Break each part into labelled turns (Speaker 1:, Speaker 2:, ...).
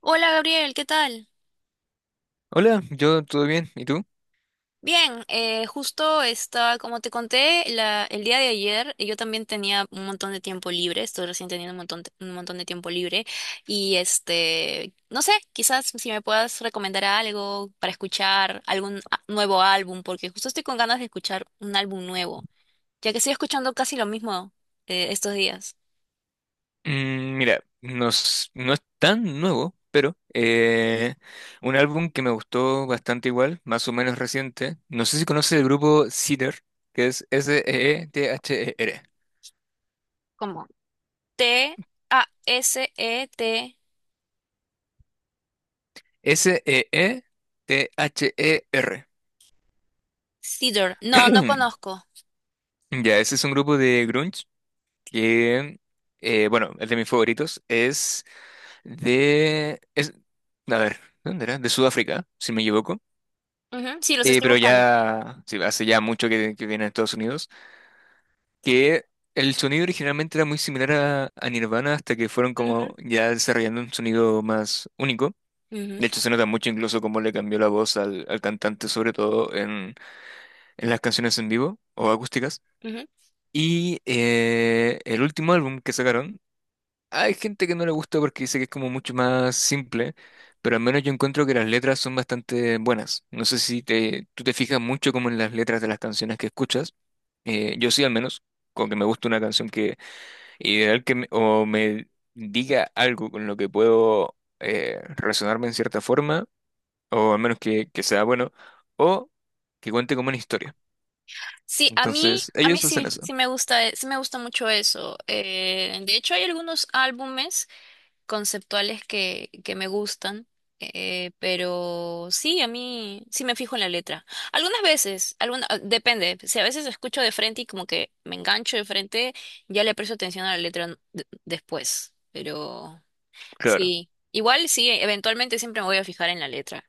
Speaker 1: Hola Gabriel, ¿qué tal?
Speaker 2: Hola, yo todo bien, ¿y tú?
Speaker 1: Bien, justo está, como te conté, el día de ayer yo también tenía un montón de tiempo libre, estoy recién teniendo un montón de tiempo libre y no sé, quizás si me puedas recomendar algo para escuchar nuevo álbum, porque justo estoy con ganas de escuchar un álbum nuevo, ya que estoy escuchando casi lo mismo estos días,
Speaker 2: Mira, no es tan nuevo, pero un álbum que me gustó bastante igual, más o menos reciente. No sé si conoces el grupo Seether, que es S-E-E-T-H-E-R.
Speaker 1: como TASET,
Speaker 2: S-E-E-T-H-E-R.
Speaker 1: Cedar. No, no conozco.
Speaker 2: Ya, ese es un grupo de grunge que bueno, es de mis favoritos. Es de... Es, a ver, ¿dónde era? De Sudáfrica, si no me equivoco.
Speaker 1: Ujú, sí, los estoy
Speaker 2: Pero
Speaker 1: buscando.
Speaker 2: ya sí, hace ya mucho que viene a Estados Unidos, que el sonido originalmente era muy similar a Nirvana hasta que fueron
Speaker 1: Ujú.
Speaker 2: como ya desarrollando un sonido más único.
Speaker 1: Ujú.
Speaker 2: De hecho, se nota mucho incluso cómo le cambió la voz al cantante, sobre todo en las canciones en vivo o acústicas.
Speaker 1: Ujú.
Speaker 2: Y el último álbum que sacaron, hay gente que no le gusta porque dice que es como mucho más simple, pero al menos yo encuentro que las letras son bastante buenas. No sé si tú te fijas mucho como en las letras de las canciones que escuchas. Yo sí al menos, con que me gusta una canción que ideal o me diga algo con lo que puedo relacionarme en cierta forma, o al menos que sea bueno, o que cuente como una historia.
Speaker 1: Sí,
Speaker 2: Entonces,
Speaker 1: a mí
Speaker 2: ellos hacen
Speaker 1: sí,
Speaker 2: eso.
Speaker 1: sí me gusta mucho eso. De hecho, hay algunos álbumes conceptuales que me gustan, pero sí, a mí sí me fijo en la letra. Algunas veces, depende, si a veces escucho de frente y como que me engancho de frente, ya le presto atención a la después, pero
Speaker 2: Claro.
Speaker 1: sí, igual sí, eventualmente siempre me voy a fijar en la letra.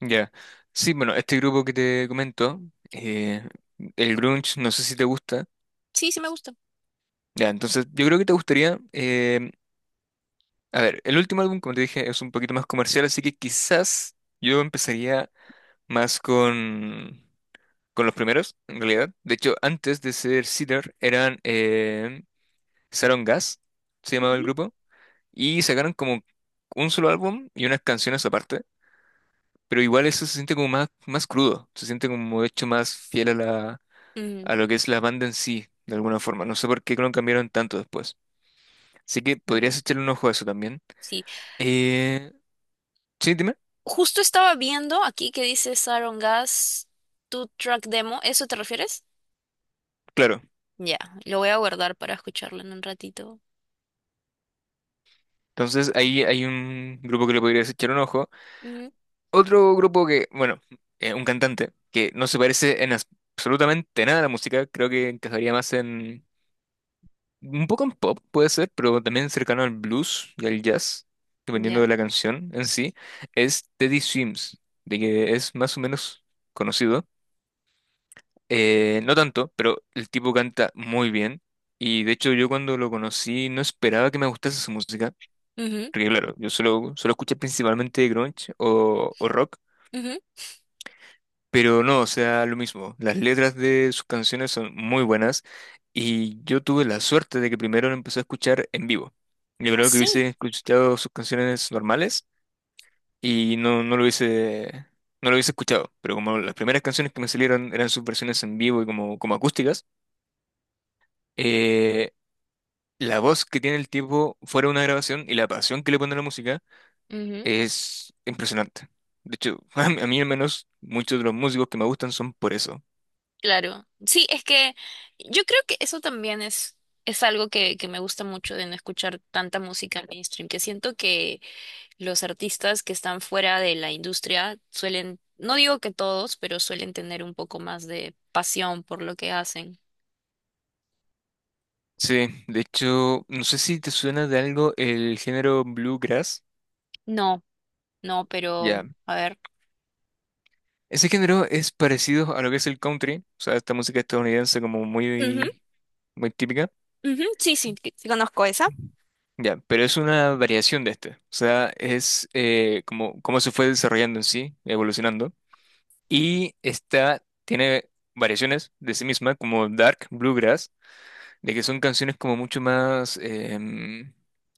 Speaker 2: Ya. Sí, bueno, este grupo que te comento, eh, el grunge, no sé si te gusta.
Speaker 1: Sí, sí me gusta.
Speaker 2: Ya, entonces yo creo que te gustaría. A ver, el último álbum, como te dije, es un poquito más comercial, así que quizás yo empezaría más con los primeros, en realidad. De hecho, antes de ser Cedar, eran Saron Gas, se llamaba el
Speaker 1: Ujú.
Speaker 2: grupo, y sacaron como un solo álbum y unas canciones aparte. Pero igual eso se siente como más, más crudo, se siente como hecho más fiel a la,
Speaker 1: Ujú.
Speaker 2: a lo que es la banda en sí, de alguna forma. No sé por qué lo cambiaron tanto después. Así que
Speaker 1: Venga.
Speaker 2: podrías echarle un ojo a eso también.
Speaker 1: Sí.
Speaker 2: Eh, sí, dime.
Speaker 1: Justo estaba viendo aquí que dice Saron Gas, tu track demo. ¿Eso te refieres?
Speaker 2: Claro.
Speaker 1: Ya, lo voy a guardar para escucharlo en un ratito.
Speaker 2: Entonces ahí hay un grupo que le podrías echar un ojo.
Speaker 1: Ujú.
Speaker 2: Otro grupo que, bueno, un cantante que no se parece absolutamente nada a la música. Creo que encajaría más en... Un poco en pop puede ser, pero también cercano al blues y al jazz, dependiendo
Speaker 1: Ya.
Speaker 2: de la canción en sí, es Teddy Swims, de que es más o menos conocido. No tanto, pero el tipo canta muy bien. Y de hecho yo cuando lo conocí no esperaba que me gustase su música.
Speaker 1: Ujú,
Speaker 2: Porque claro, solo escuché principalmente grunge o rock.
Speaker 1: ujú.
Speaker 2: Pero no, o sea, lo mismo. Las letras de sus canciones son muy buenas. Y yo tuve la suerte de que primero lo empecé a escuchar en vivo. Yo creo que hubiese
Speaker 1: Así.
Speaker 2: escuchado sus canciones normales no lo hubiese, no lo hubiese escuchado. Pero como las primeras canciones que me salieron eran sus versiones en vivo y como, como acústicas. Eh, La voz que tiene el tipo fuera de una grabación y la pasión que le pone a la música
Speaker 1: Ujú.
Speaker 2: es impresionante. De hecho, a mí al menos muchos de los músicos que me gustan son por eso.
Speaker 1: Claro. Sí, es que yo creo que eso también es algo que me gusta mucho de no escuchar tanta música mainstream, que siento que los artistas que están fuera de la industria suelen, no digo que todos, pero suelen tener un poco más de pasión por lo que hacen.
Speaker 2: Sí, de hecho, no sé si te suena de algo el género bluegrass.
Speaker 1: No. No, pero
Speaker 2: Ya.
Speaker 1: a ver.
Speaker 2: Ese género es parecido a lo que es el country, o sea, esta música estadounidense como muy, muy típica.
Speaker 1: Ujú, ujú. Sí, sí, sí conozco esa.
Speaker 2: Ya, pero es una variación de este. O sea, es como, como se fue desarrollando en sí, evolucionando. Y esta tiene variaciones de sí misma, como Dark, Bluegrass, de que son canciones como mucho más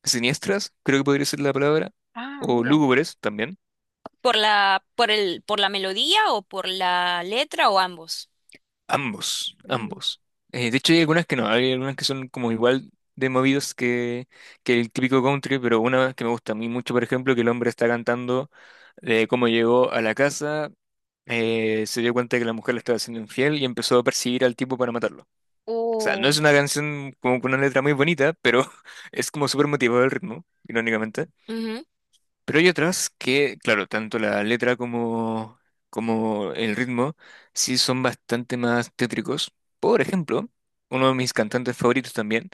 Speaker 2: siniestras, creo que podría ser la palabra,
Speaker 1: Ah,
Speaker 2: o
Speaker 1: mira.
Speaker 2: lúgubres también.
Speaker 1: ¿Por por la melodía o por la letra o ambos?
Speaker 2: Ambos,
Speaker 1: Mm.
Speaker 2: ambos. De hecho, hay algunas que no, hay algunas que son como igual de movidas que el típico country, pero una que me gusta a mí mucho, por ejemplo, que el hombre está cantando de cómo llegó a la casa, se dio cuenta de que la mujer le estaba siendo infiel y empezó a perseguir al tipo para matarlo. O sea, no
Speaker 1: Oh.
Speaker 2: es una canción como con una letra muy bonita, pero es como súper motivado el ritmo, irónicamente.
Speaker 1: Ujú,
Speaker 2: Pero hay otras que, claro, tanto la letra como el ritmo sí son bastante más tétricos. Por ejemplo, uno de mis cantantes favoritos también,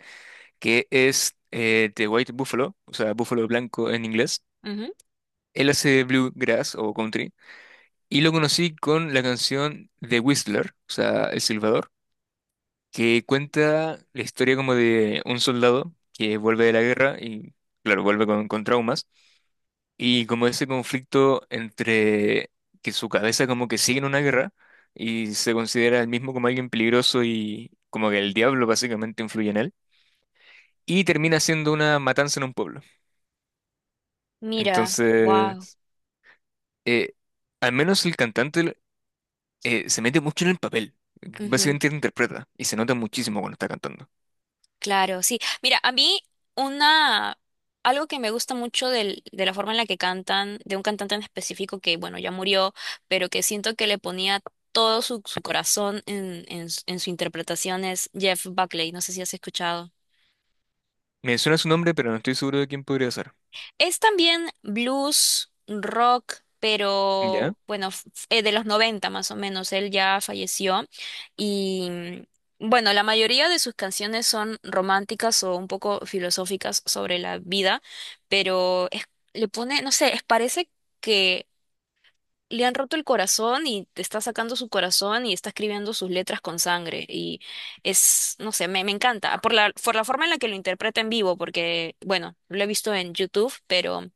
Speaker 2: que es The White Buffalo, o sea, Búfalo Blanco en inglés.
Speaker 1: ujú.
Speaker 2: Él hace bluegrass o country y lo conocí con la canción The Whistler, o sea, El Silbador, que cuenta la historia como de un soldado que vuelve de la guerra y, claro, vuelve con traumas, y como ese conflicto entre que su cabeza como que sigue en una guerra y se considera el mismo como alguien peligroso y como que el diablo básicamente influye en él, y termina siendo una matanza en un pueblo.
Speaker 1: Mira. Wow.
Speaker 2: Entonces, eh, al menos el cantante se mete mucho en el papel.
Speaker 1: Ujú,
Speaker 2: Básicamente lo interpreta y se nota muchísimo cuando está cantando.
Speaker 1: claro, sí. Mira, a mí una algo que me gusta mucho de la forma en la que cantan, de un cantante en específico que, bueno, ya murió, pero que siento que le ponía todo su corazón en su interpretación es Jeff Buckley. No sé si has escuchado.
Speaker 2: Me suena su nombre, pero no estoy seguro de quién podría ser.
Speaker 1: Es también blues, rock,
Speaker 2: ¿Ya?
Speaker 1: pero bueno, de los 90 más o menos. Él ya falleció y bueno, la mayoría de sus canciones son románticas o un poco filosóficas sobre la vida, pero le pone, no sé, parece que le han roto el corazón y te está sacando su corazón y está escribiendo sus letras con sangre y es, no sé, me encanta por por la forma en la que lo interpreta en vivo, porque bueno, lo he visto en YouTube, pero...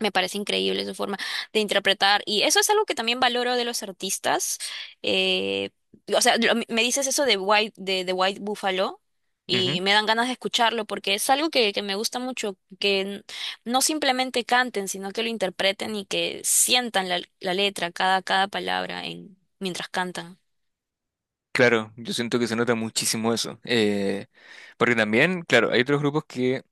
Speaker 1: Me parece increíble su forma de interpretar y eso es algo que también valoro de los artistas. Eh, o sea, me dices eso de de White Buffalo
Speaker 2: Ujú.
Speaker 1: y me dan ganas de escucharlo porque es algo que me gusta mucho, no simplemente canten, sino que lo interpreten y que sientan la letra, cada palabra en, mientras cantan.
Speaker 2: Claro, yo siento que se nota muchísimo eso. Porque también, claro, hay otros grupos que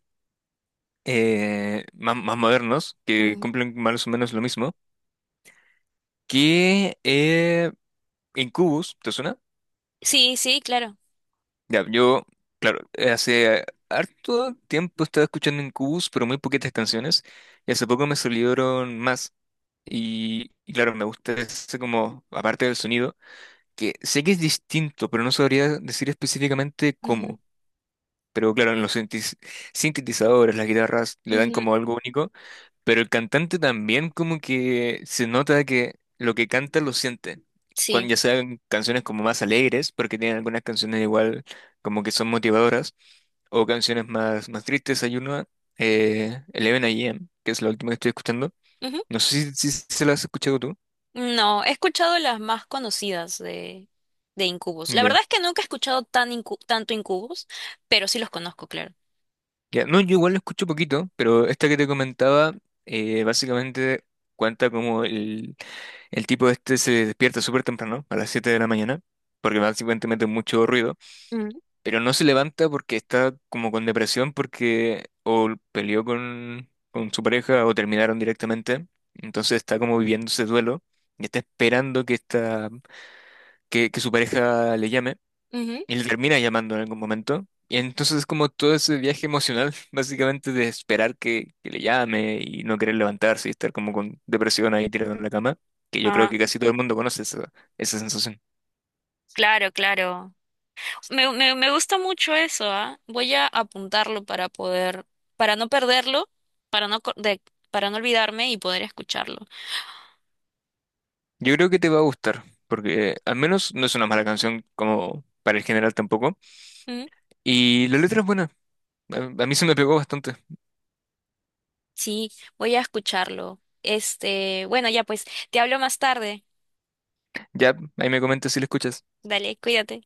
Speaker 2: más, más modernos, que
Speaker 1: Ujú.
Speaker 2: cumplen más o menos lo mismo, que Incubus, ¿te suena?
Speaker 1: Sí, sí, claro.
Speaker 2: Ya, claro, hace harto tiempo estaba escuchando Incubus, pero muy poquitas canciones, y hace poco me salieron más. Y claro, me gusta ese como, aparte del sonido, que sé que es distinto, pero no sabría decir específicamente
Speaker 1: Ujú,
Speaker 2: cómo. Pero claro, sintetizadores, las guitarras le dan
Speaker 1: ujú,
Speaker 2: como algo único, pero el cantante también como que se nota que lo que canta lo siente.
Speaker 1: sí.
Speaker 2: Cuando ya sean canciones como más alegres, porque tienen algunas canciones igual como que son motivadoras, o canciones más, más tristes, hay una, 11 AM, que es la última que estoy escuchando.
Speaker 1: Ujú.
Speaker 2: No sé si se la has escuchado tú.
Speaker 1: No, he escuchado las más conocidas de Incubus. La
Speaker 2: Ya,
Speaker 1: verdad es que nunca he tanto Incubus, pero sí los conozco, claro.
Speaker 2: ya. No, yo igual lo escucho poquito, pero esta que te comentaba básicamente cuenta como el tipo este se despierta súper temprano, a las 7 de la mañana, porque básicamente mucho ruido,
Speaker 1: Mm,
Speaker 2: pero no se levanta porque está como con depresión, porque o peleó con su pareja o terminaron directamente. Entonces está como viviendo ese duelo y está esperando que su pareja le llame.
Speaker 1: ujú.
Speaker 2: Y le termina llamando en algún momento. Y entonces es como todo ese viaje emocional, básicamente de esperar que le llame y no querer levantarse y estar como con depresión ahí tirado en la cama, que yo creo
Speaker 1: Ah,
Speaker 2: que casi todo el mundo conoce esa, esa sensación.
Speaker 1: claro, claro. Me gusta mucho eso, ¿ah? Voy a apuntarlo para poder, para no perderlo, para no, co- de- para no olvidarme y poder escucharlo.
Speaker 2: Yo creo que te va a gustar, porque al menos no es una mala canción como para el general tampoco.
Speaker 1: Mm.
Speaker 2: Y la letra es buena, a, a mí se me pegó bastante.
Speaker 1: Sí, voy a escucharlo. Este, bueno, ya pues, te hablo más tarde.
Speaker 2: Ya, ahí me comentas si la escuchas.
Speaker 1: Dale, cuídate.